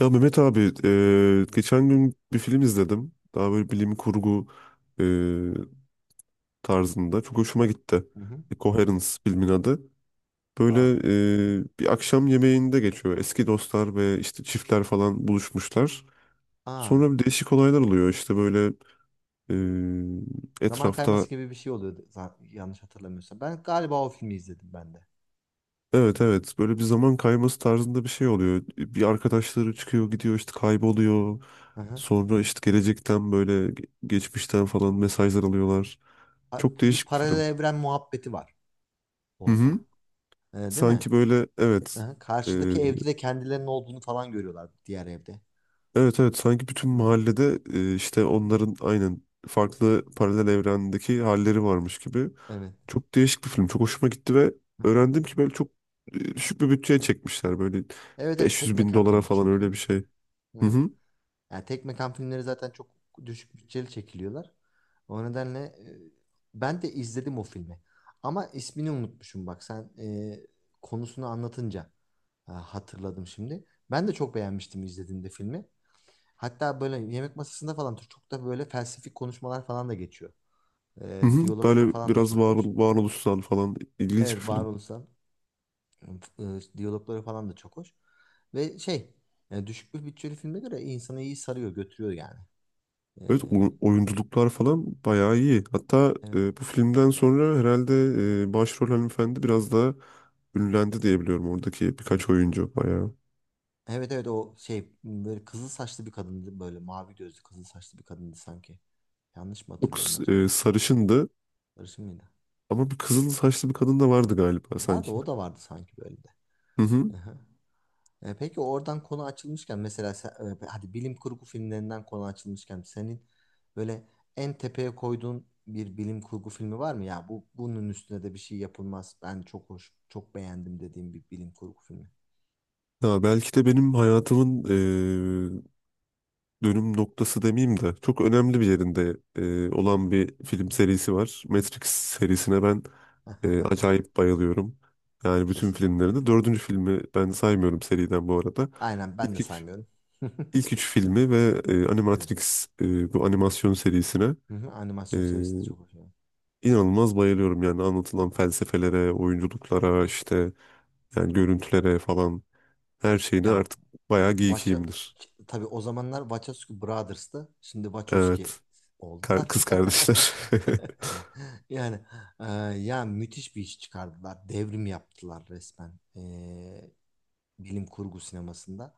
Ya Mehmet abi, Hı hı. geçen gün bir film izledim. Daha böyle bilim kurgu e, tarzında. Çok hoşuma gitti. Hı hı. Coherence filmin adı. Böyle Aa, bir akşam yemeğinde geçiyor. Eski dostlar ve işte çiftler falan buluşmuşlar. aa. Sonra bir değişik olaylar oluyor. İşte böyle Zaman etrafta kayması gibi bir şey oluyordu yanlış hatırlamıyorsam. Ben galiba o filmi izledim ben de. evet evet böyle bir zaman kayması tarzında bir şey oluyor. Bir arkadaşları çıkıyor gidiyor işte kayboluyor. Hı hı. Sonra işte gelecekten böyle geçmişten falan mesajlar alıyorlar. Çok Bir değişik bir paralel film. evren muhabbeti var Hı orada. hı. Değil mi? Sanki böyle Hı evet. hı. Ee, Karşıdaki evde de kendilerinin olduğunu falan görüyorlar diğer evde. evet evet sanki bütün Hı hı. mahallede işte onların aynen Hı. farklı paralel evrendeki halleri varmış gibi. Evet. Çok değişik bir film. Çok hoşuma gitti ve Hı hı. öğrendim ki böyle çok düşük bir bütçeye çekmişler. Böyle Evet evet tek 500 bin mekan dolara filmi falan öyle çünkü. bir şey. Hı Hı hı. hı. Yani tek mekan filmleri zaten çok düşük bütçeli çekiliyorlar. O nedenle ben de izledim o filmi. Ama ismini unutmuşum bak sen konusunu anlatınca hatırladım şimdi. Ben de çok beğenmiştim izlediğimde filmi. Hatta böyle yemek masasında falan çok da böyle felsefik konuşmalar falan da geçiyor. Hı hı. Diyalogları Böyle falan da biraz çok hoş. Varoluşsal falan ilginç bir Evet film. varoluşsal e, diyalogları falan da çok hoş. Ve şey düşük bir bütçeli filme göre insanı iyi sarıyor götürüyor yani. E, Evet oyunculuklar falan bayağı iyi. Hatta evet. Bu filmden sonra herhalde başrol hanımefendi biraz daha ünlendi diye biliyorum oradaki birkaç oyuncu bayağı. Evet evet o şey böyle kızıl saçlı bir kadındı böyle mavi gözlü kızıl saçlı bir kadındı sanki. Yanlış mı O hatırlıyorum kız acaba? Sarışındı Sarışın mıydı? ama bir kızıl saçlı bir kadın da vardı galiba Vardı sanki. o da vardı sanki böyle de. Hı hı. Aha. Peki oradan konu açılmışken mesela sen, hadi bilim kurgu filmlerinden konu açılmışken senin böyle en tepeye koyduğun bir bilim kurgu filmi var mı ya? Bu bunun üstüne de bir şey yapılmaz. Ben çok hoş, çok beğendim dediğim bir bilim kurgu filmi. Ya belki de benim hayatımın e, dönüm noktası demeyeyim de çok önemli bir yerinde olan bir film serisi var. Matrix serisine ben acayip bayılıyorum. Yani bütün Kesinlikle. filmlerinde. Dördüncü filmi ben saymıyorum seriden bu arada. Aynen ben de İlk üç, saymıyorum. ilk üç filmi ve Evet. Animatrix bu animasyon serisine Hı hı, e, animasyon serisi de çok hoşuma gitti. inanılmaz bayılıyorum. Yani anlatılan felsefelere, Hı oyunculuklara, hı. işte yani görüntülere falan her şeyine Ya artık bayağı Vacha geekiyimdir. tabii o zamanlar Wachowski Brothers'tı. Şimdi Wachowski Evet. Oldular. Kız kardeşler. Yani e, ya müthiş bir iş çıkardılar. Devrim yaptılar resmen. Bilim kurgu sinemasında.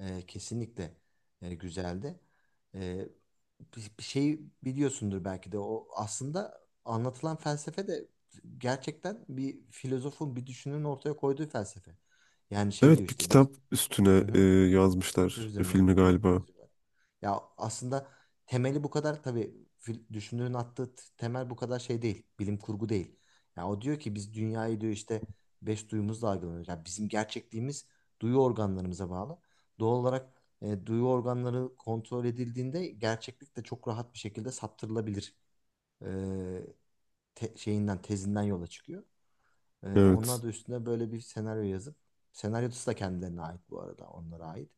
Kesinlikle güzeldi. E, bir şey biliyorsundur belki de o aslında anlatılan felsefe de gerçekten bir filozofun bir düşünürün ortaya koyduğu felsefe. Yani şey diyor Evet, bir işte biz. kitap üstüne Hı hı. Kitap yazmışlar üzerine filmi galiba. yazıyorlar. Ya aslında temeli bu kadar tabii düşünürün attığı temel bu kadar şey değil. Bilim kurgu değil. Ya o diyor ki biz dünyayı diyor işte beş duyumuzla algılıyoruz. Ya bizim gerçekliğimiz duyu organlarımıza bağlı. Doğal olarak duyu organları kontrol edildiğinde gerçeklik de çok rahat bir şekilde saptırılabilir e, şeyinden tezinden yola çıkıyor. Onlar Evet. da üstüne böyle bir senaryo yazıp senaryosu da kendilerine ait bu arada onlara ait.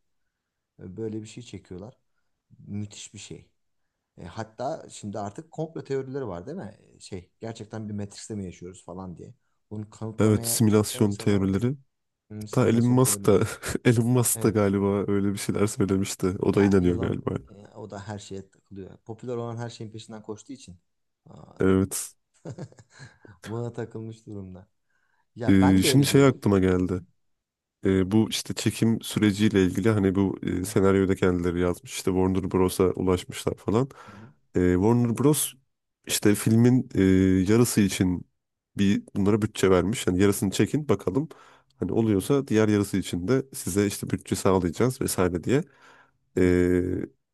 Böyle bir şey çekiyorlar. Müthiş bir şey. Hatta şimdi artık komplo teorileri var değil mi? Şey gerçekten bir Matrix'te mi yaşıyoruz falan diye. Bunu Evet, kanıtlamaya çalışan simülasyon insanlar var. teorileri. Hmm, Hatta Elon simülasyon Musk teorileri. da Elon Musk da Evet. galiba öyle bir şeyler söylemişti. O da Ya inanıyor Elon galiba. O da her şeye takılıyor. Popüler olan her şeyin peşinden koştuğu için aa, Evet. buna takılmış durumda. Ya ben de Şimdi öyle şey diyordum. aklıma geldi. Bu işte çekim süreciyle ilgili hani bu senaryoyu da kendileri yazmış. İşte Warner Bros'a ulaşmışlar falan. Hı hı. Warner Bros işte filmin yarısı için bir bunlara bütçe vermiş. Hani yarısını çekin bakalım. Hani oluyorsa diğer yarısı için de size işte bütçe sağlayacağız vesaire diye. Evet. E,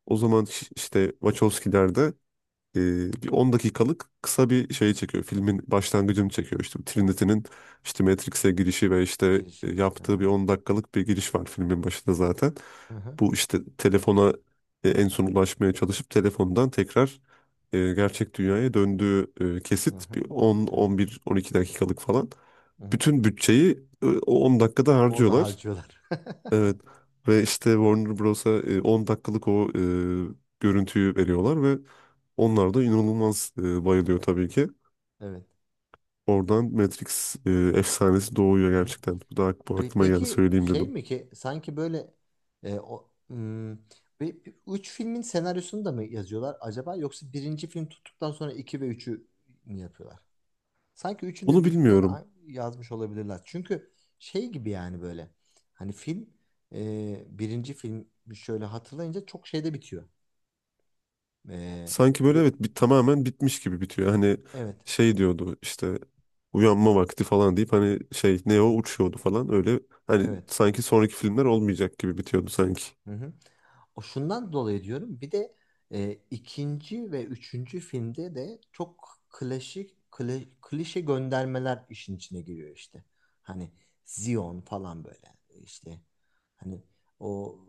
O zaman işte Wachowski'ler de bir 10 dakikalık kısa bir şey çekiyor. Filmin başlangıcını çekiyor. İşte Trinity'nin işte Matrix'e girişi ve işte Girişi. Ha. yaptığı bir 10 dakikalık bir giriş var filmin başında zaten. Hı hı. Bu işte telefona en son ulaşmaya çalışıp telefondan tekrar gerçek dünyaya döndüğü Hı kesit hı. bir on, Evet. on bir, on iki dakikalık falan. Hı hı. Bütün bütçeyi o 10 dakikada Orada harcıyorlar. harcıyorlar. Evet, ve işte Warner Bros'a 10 dakikalık o görüntüyü veriyorlar ve onlar da inanılmaz bayılıyor tabii ki. Evet. Oradan Matrix efsanesi doğuyor Hı hı. gerçekten. Bu da bu Pe- aklıma geldi Peki söyleyeyim şey dedim. mi ki sanki böyle o, hmm, üç filmin senaryosunu da mı yazıyorlar acaba yoksa birinci film tuttuktan sonra iki ve üçü mü yapıyorlar? Sanki üçünü Onu de birlikte bilmiyorum. Yazmış olabilirler. Çünkü şey gibi yani böyle hani film birinci film şöyle hatırlayınca çok şeyde bitiyor. E, Sanki de, böyle evet, tamamen bitmiş gibi bitiyor. Hani evet. şey diyordu işte uyanma vakti falan deyip hani şey Hı Neo hı. uçuyordu falan öyle. Hani Evet. sanki sonraki filmler olmayacak gibi bitiyordu sanki. Hı hı. O şundan dolayı diyorum. Bir de ikinci ve üçüncü filmde de çok klasik klişe göndermeler işin içine giriyor işte. Hani Zion falan böyle işte hani o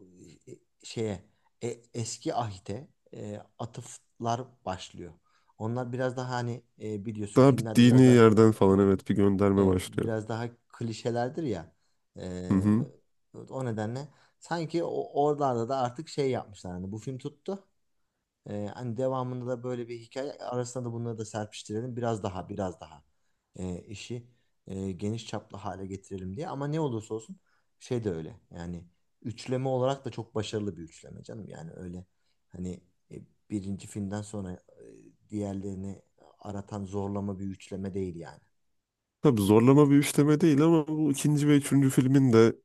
şeye e, eski ahite atıflar başlıyor. Onlar biraz daha hani biliyorsun Daha filmlerde bittiğini biraz daha yerden falan evet. evet bir gönderme Evet, başlıyor. biraz daha klişelerdir ya. Hı Ee, hı. o nedenle sanki o, oralarda da artık şey yapmışlar. Hani bu film tuttu. Hani devamında da böyle bir hikaye arasında da bunları da serpiştirelim. Biraz daha biraz daha işi geniş çaplı hale getirelim diye. Ama ne olursa olsun şey de öyle. Yani üçleme olarak da çok başarılı bir üçleme canım. Yani öyle hani e, birinci filmden sonra diğerlerini aratan zorlama bir üçleme değil yani. Tabii zorlama bir üçleme değil ama bu ikinci ve üçüncü filmin de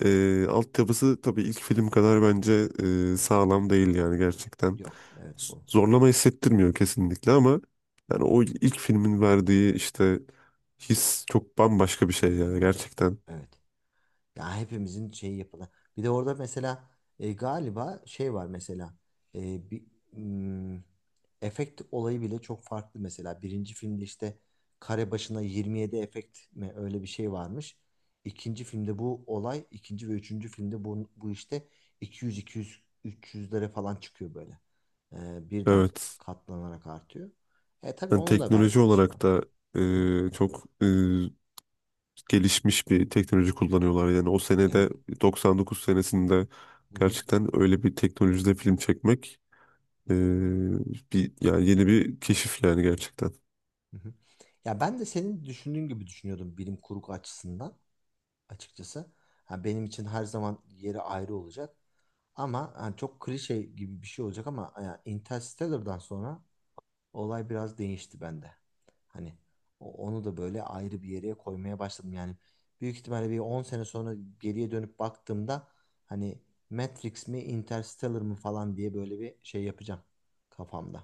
altyapısı tabii ilk film kadar bence sağlam değil yani gerçekten. Yok. Evet bu. Zorlama hissettirmiyor kesinlikle ama Hı yani hı. o ilk filmin verdiği işte his çok bambaşka bir şey yani gerçekten. Evet. Ya hepimizin şeyi yapılan. Bir de orada mesela galiba şey var mesela bir mm, efekt olayı bile çok farklı mesela. Birinci filmde işte kare başına 27 efekt mi öyle bir şey varmış. İkinci filmde bu olay, ikinci ve üçüncü filmde bu işte 200 200 300'lere falan çıkıyor böyle. Birden Evet. katlanarak artıyor. E tabii Yani onun da teknoloji verdiği bir şey var. olarak da Hı hı. Çok gelişmiş bir teknoloji kullanıyorlar. Yani o Evet. senede, 99 senesinde, Hı hı. gerçekten öyle bir teknolojide film çekmek e, bir yani yeni bir keşif yani gerçekten. Hı hı. Ya ben de senin düşündüğün gibi düşünüyordum bilim kurgu açısından açıkçası. Ha benim için her zaman yeri ayrı olacak. Ama hani çok klişe gibi bir şey olacak ama yani Interstellar'dan sonra olay biraz değişti bende. Hani onu da böyle ayrı bir yere koymaya başladım. Yani büyük ihtimalle bir 10 sene sonra geriye dönüp baktığımda hani Matrix mi Interstellar mı falan diye böyle bir şey yapacağım kafamda.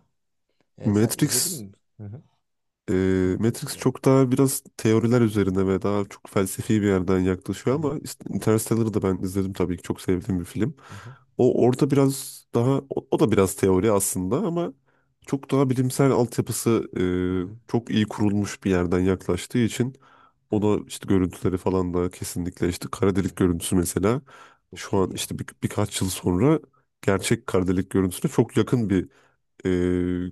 Sen izledin Matrix mi? Hı hı. e, Matrix Interstellar'ı. çok daha biraz teoriler üzerine ve daha çok felsefi bir yerden Hı yaklaşıyor hı. ama işte Interstellar'ı da ben izledim tabii ki, çok sevdiğim bir film. Hı hı. O orada biraz daha o da biraz teori aslında ama çok daha bilimsel altyapısı Hı hı. Çok iyi kurulmuş bir yerden yaklaştığı için Evet. ona işte görüntüleri falan da kesinlikle, işte kara Hı hı. delik görüntüsü mesela, Çok şu an iyiydi ya. işte birkaç yıl sonra gerçek kara delik görüntüsüne çok yakın bir e,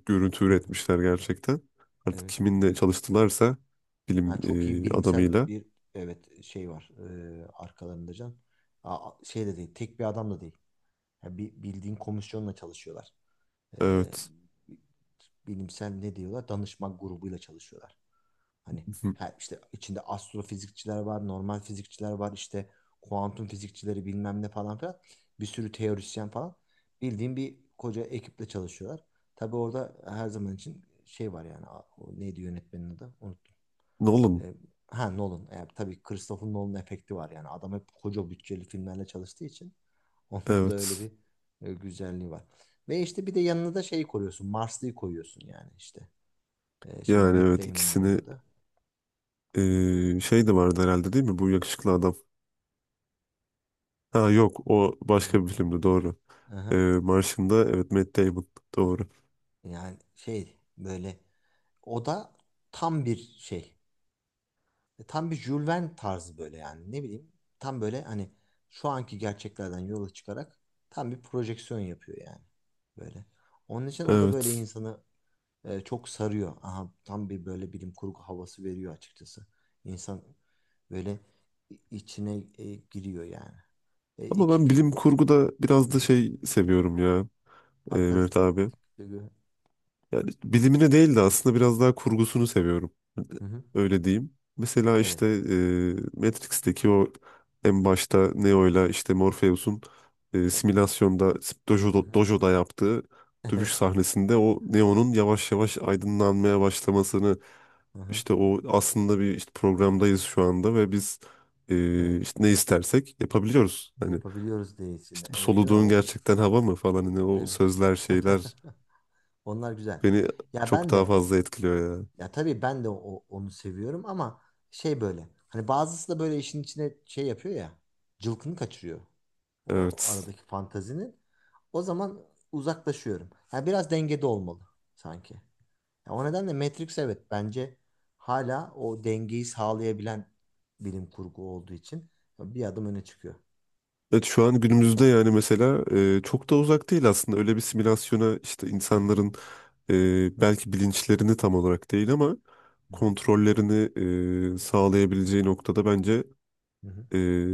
görüntü Hı hı. üretmişler gerçekten. Artık Evet. kiminle çalıştılarsa bilim Ha, çok iyi bilimsel adamıyla. bir evet şey var arkalarında can. Aa, şey de değil. Tek bir adam da değil. Ha, bir bildiğin komisyonla çalışıyorlar. e, Evet. bilimsel ne diyorlar? Danışma grubuyla çalışıyorlar. Hani Hı hı. her işte içinde astrofizikçiler var, normal fizikçiler var, işte kuantum fizikçileri bilmem ne falan filan. Bir sürü teorisyen falan. Bildiğim bir koca ekiple çalışıyorlar. Tabii orada her zaman için şey var yani o neydi yönetmenin adı? Unuttum. Nolan. E, ha Nolan. Tabii Christopher Nolan efekti var yani. Adam hep koca bütçeli filmlerle çalıştığı için onun da öyle Evet. bir güzelliği var. Ve işte bir de yanına da şey koyuyorsun. Marsley'i koyuyorsun yani işte. Şey Yani Matt evet, Damon'ın ikisini oynadığı. Şey de vardı herhalde değil mi? Bu yakışıklı adam. Ha yok, o Hı. başka bir filmdi, doğru. Aha. Martian'da, evet, Matt Damon, doğru. Yani şey böyle o da tam bir şey. Tam bir Jules Verne tarzı böyle yani ne bileyim. Tam böyle hani şu anki gerçeklerden yola çıkarak tam bir projeksiyon yapıyor yani. Böyle. Onun için o da böyle Evet. insanı çok sarıyor. Aha, tam bir böyle bilim kurgu havası veriyor açıkçası. İnsan böyle içine giriyor yani. Ama İki ben bilim film. kurguda Hı biraz da hı. şey seviyorum ya, Fantastik. Mehmet abi. e, Yani bilimini değil de aslında biraz daha kurgusunu seviyorum. Hı hı. Öyle diyeyim. Mesela Evet. işte Matrix'teki o en başta Neo'yla işte Morpheus'un simülasyonda Hı hı. dojo'da yaptığı dövüş Evet. sahnesinde o Neo'nun yavaş yavaş aydınlanmaya başlamasını, Hı hı. işte o aslında bir, işte programdayız şu anda ve biz Evet. işte ne istersek yapabiliyoruz. Hani Yapabiliyoruz diye içinde. işte bu Evet değil mi? soluduğun O gerçekten hava mı falan, hani o evet. sözler, şeyler Onlar güzel. beni Ya çok ben daha de fazla etkiliyor ya. ya tabii ben de o, onu seviyorum ama şey böyle. Hani bazısı da böyle işin içine şey yapıyor ya. Cılkını kaçırıyor. O Evet. aradaki fantazinin. O zaman uzaklaşıyorum. Yani biraz dengede olmalı sanki. Ya o nedenle Matrix evet bence hala o dengeyi sağlayabilen bilim kurgu olduğu için bir adım öne çıkıyor. Evet, şu an günümüzde yani, mesela çok da uzak değil aslında öyle bir simülasyona işte Hı hı, insanların belki bilinçlerini tam olarak değil ama hı hı, kontrollerini sağlayabileceği noktada bence hı hı. e,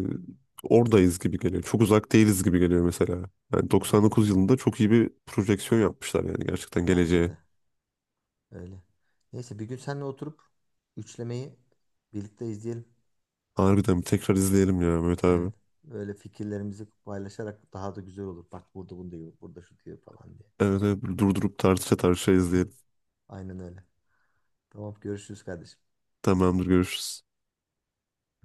oradayız gibi geliyor. Çok uzak değiliz gibi geliyor mesela. Yani Tabii ki. 99 yılında çok iyi bir projeksiyon yapmışlar yani, gerçekten Bence geleceğe. de öyle. Neyse bir gün seninle oturup üçlemeyi birlikte izleyelim. Harbiden bir tekrar izleyelim ya, Mehmet Evet. abi. Böyle fikirlerimizi paylaşarak daha da güzel olur. Bak burada bunu diyor, burada şu diyor falan diye. Evet, evet, durdurup tartışa tartışa Aha, izleyelim. aynen öyle. Tamam görüşürüz kardeşim. Tamamdır, görüşürüz.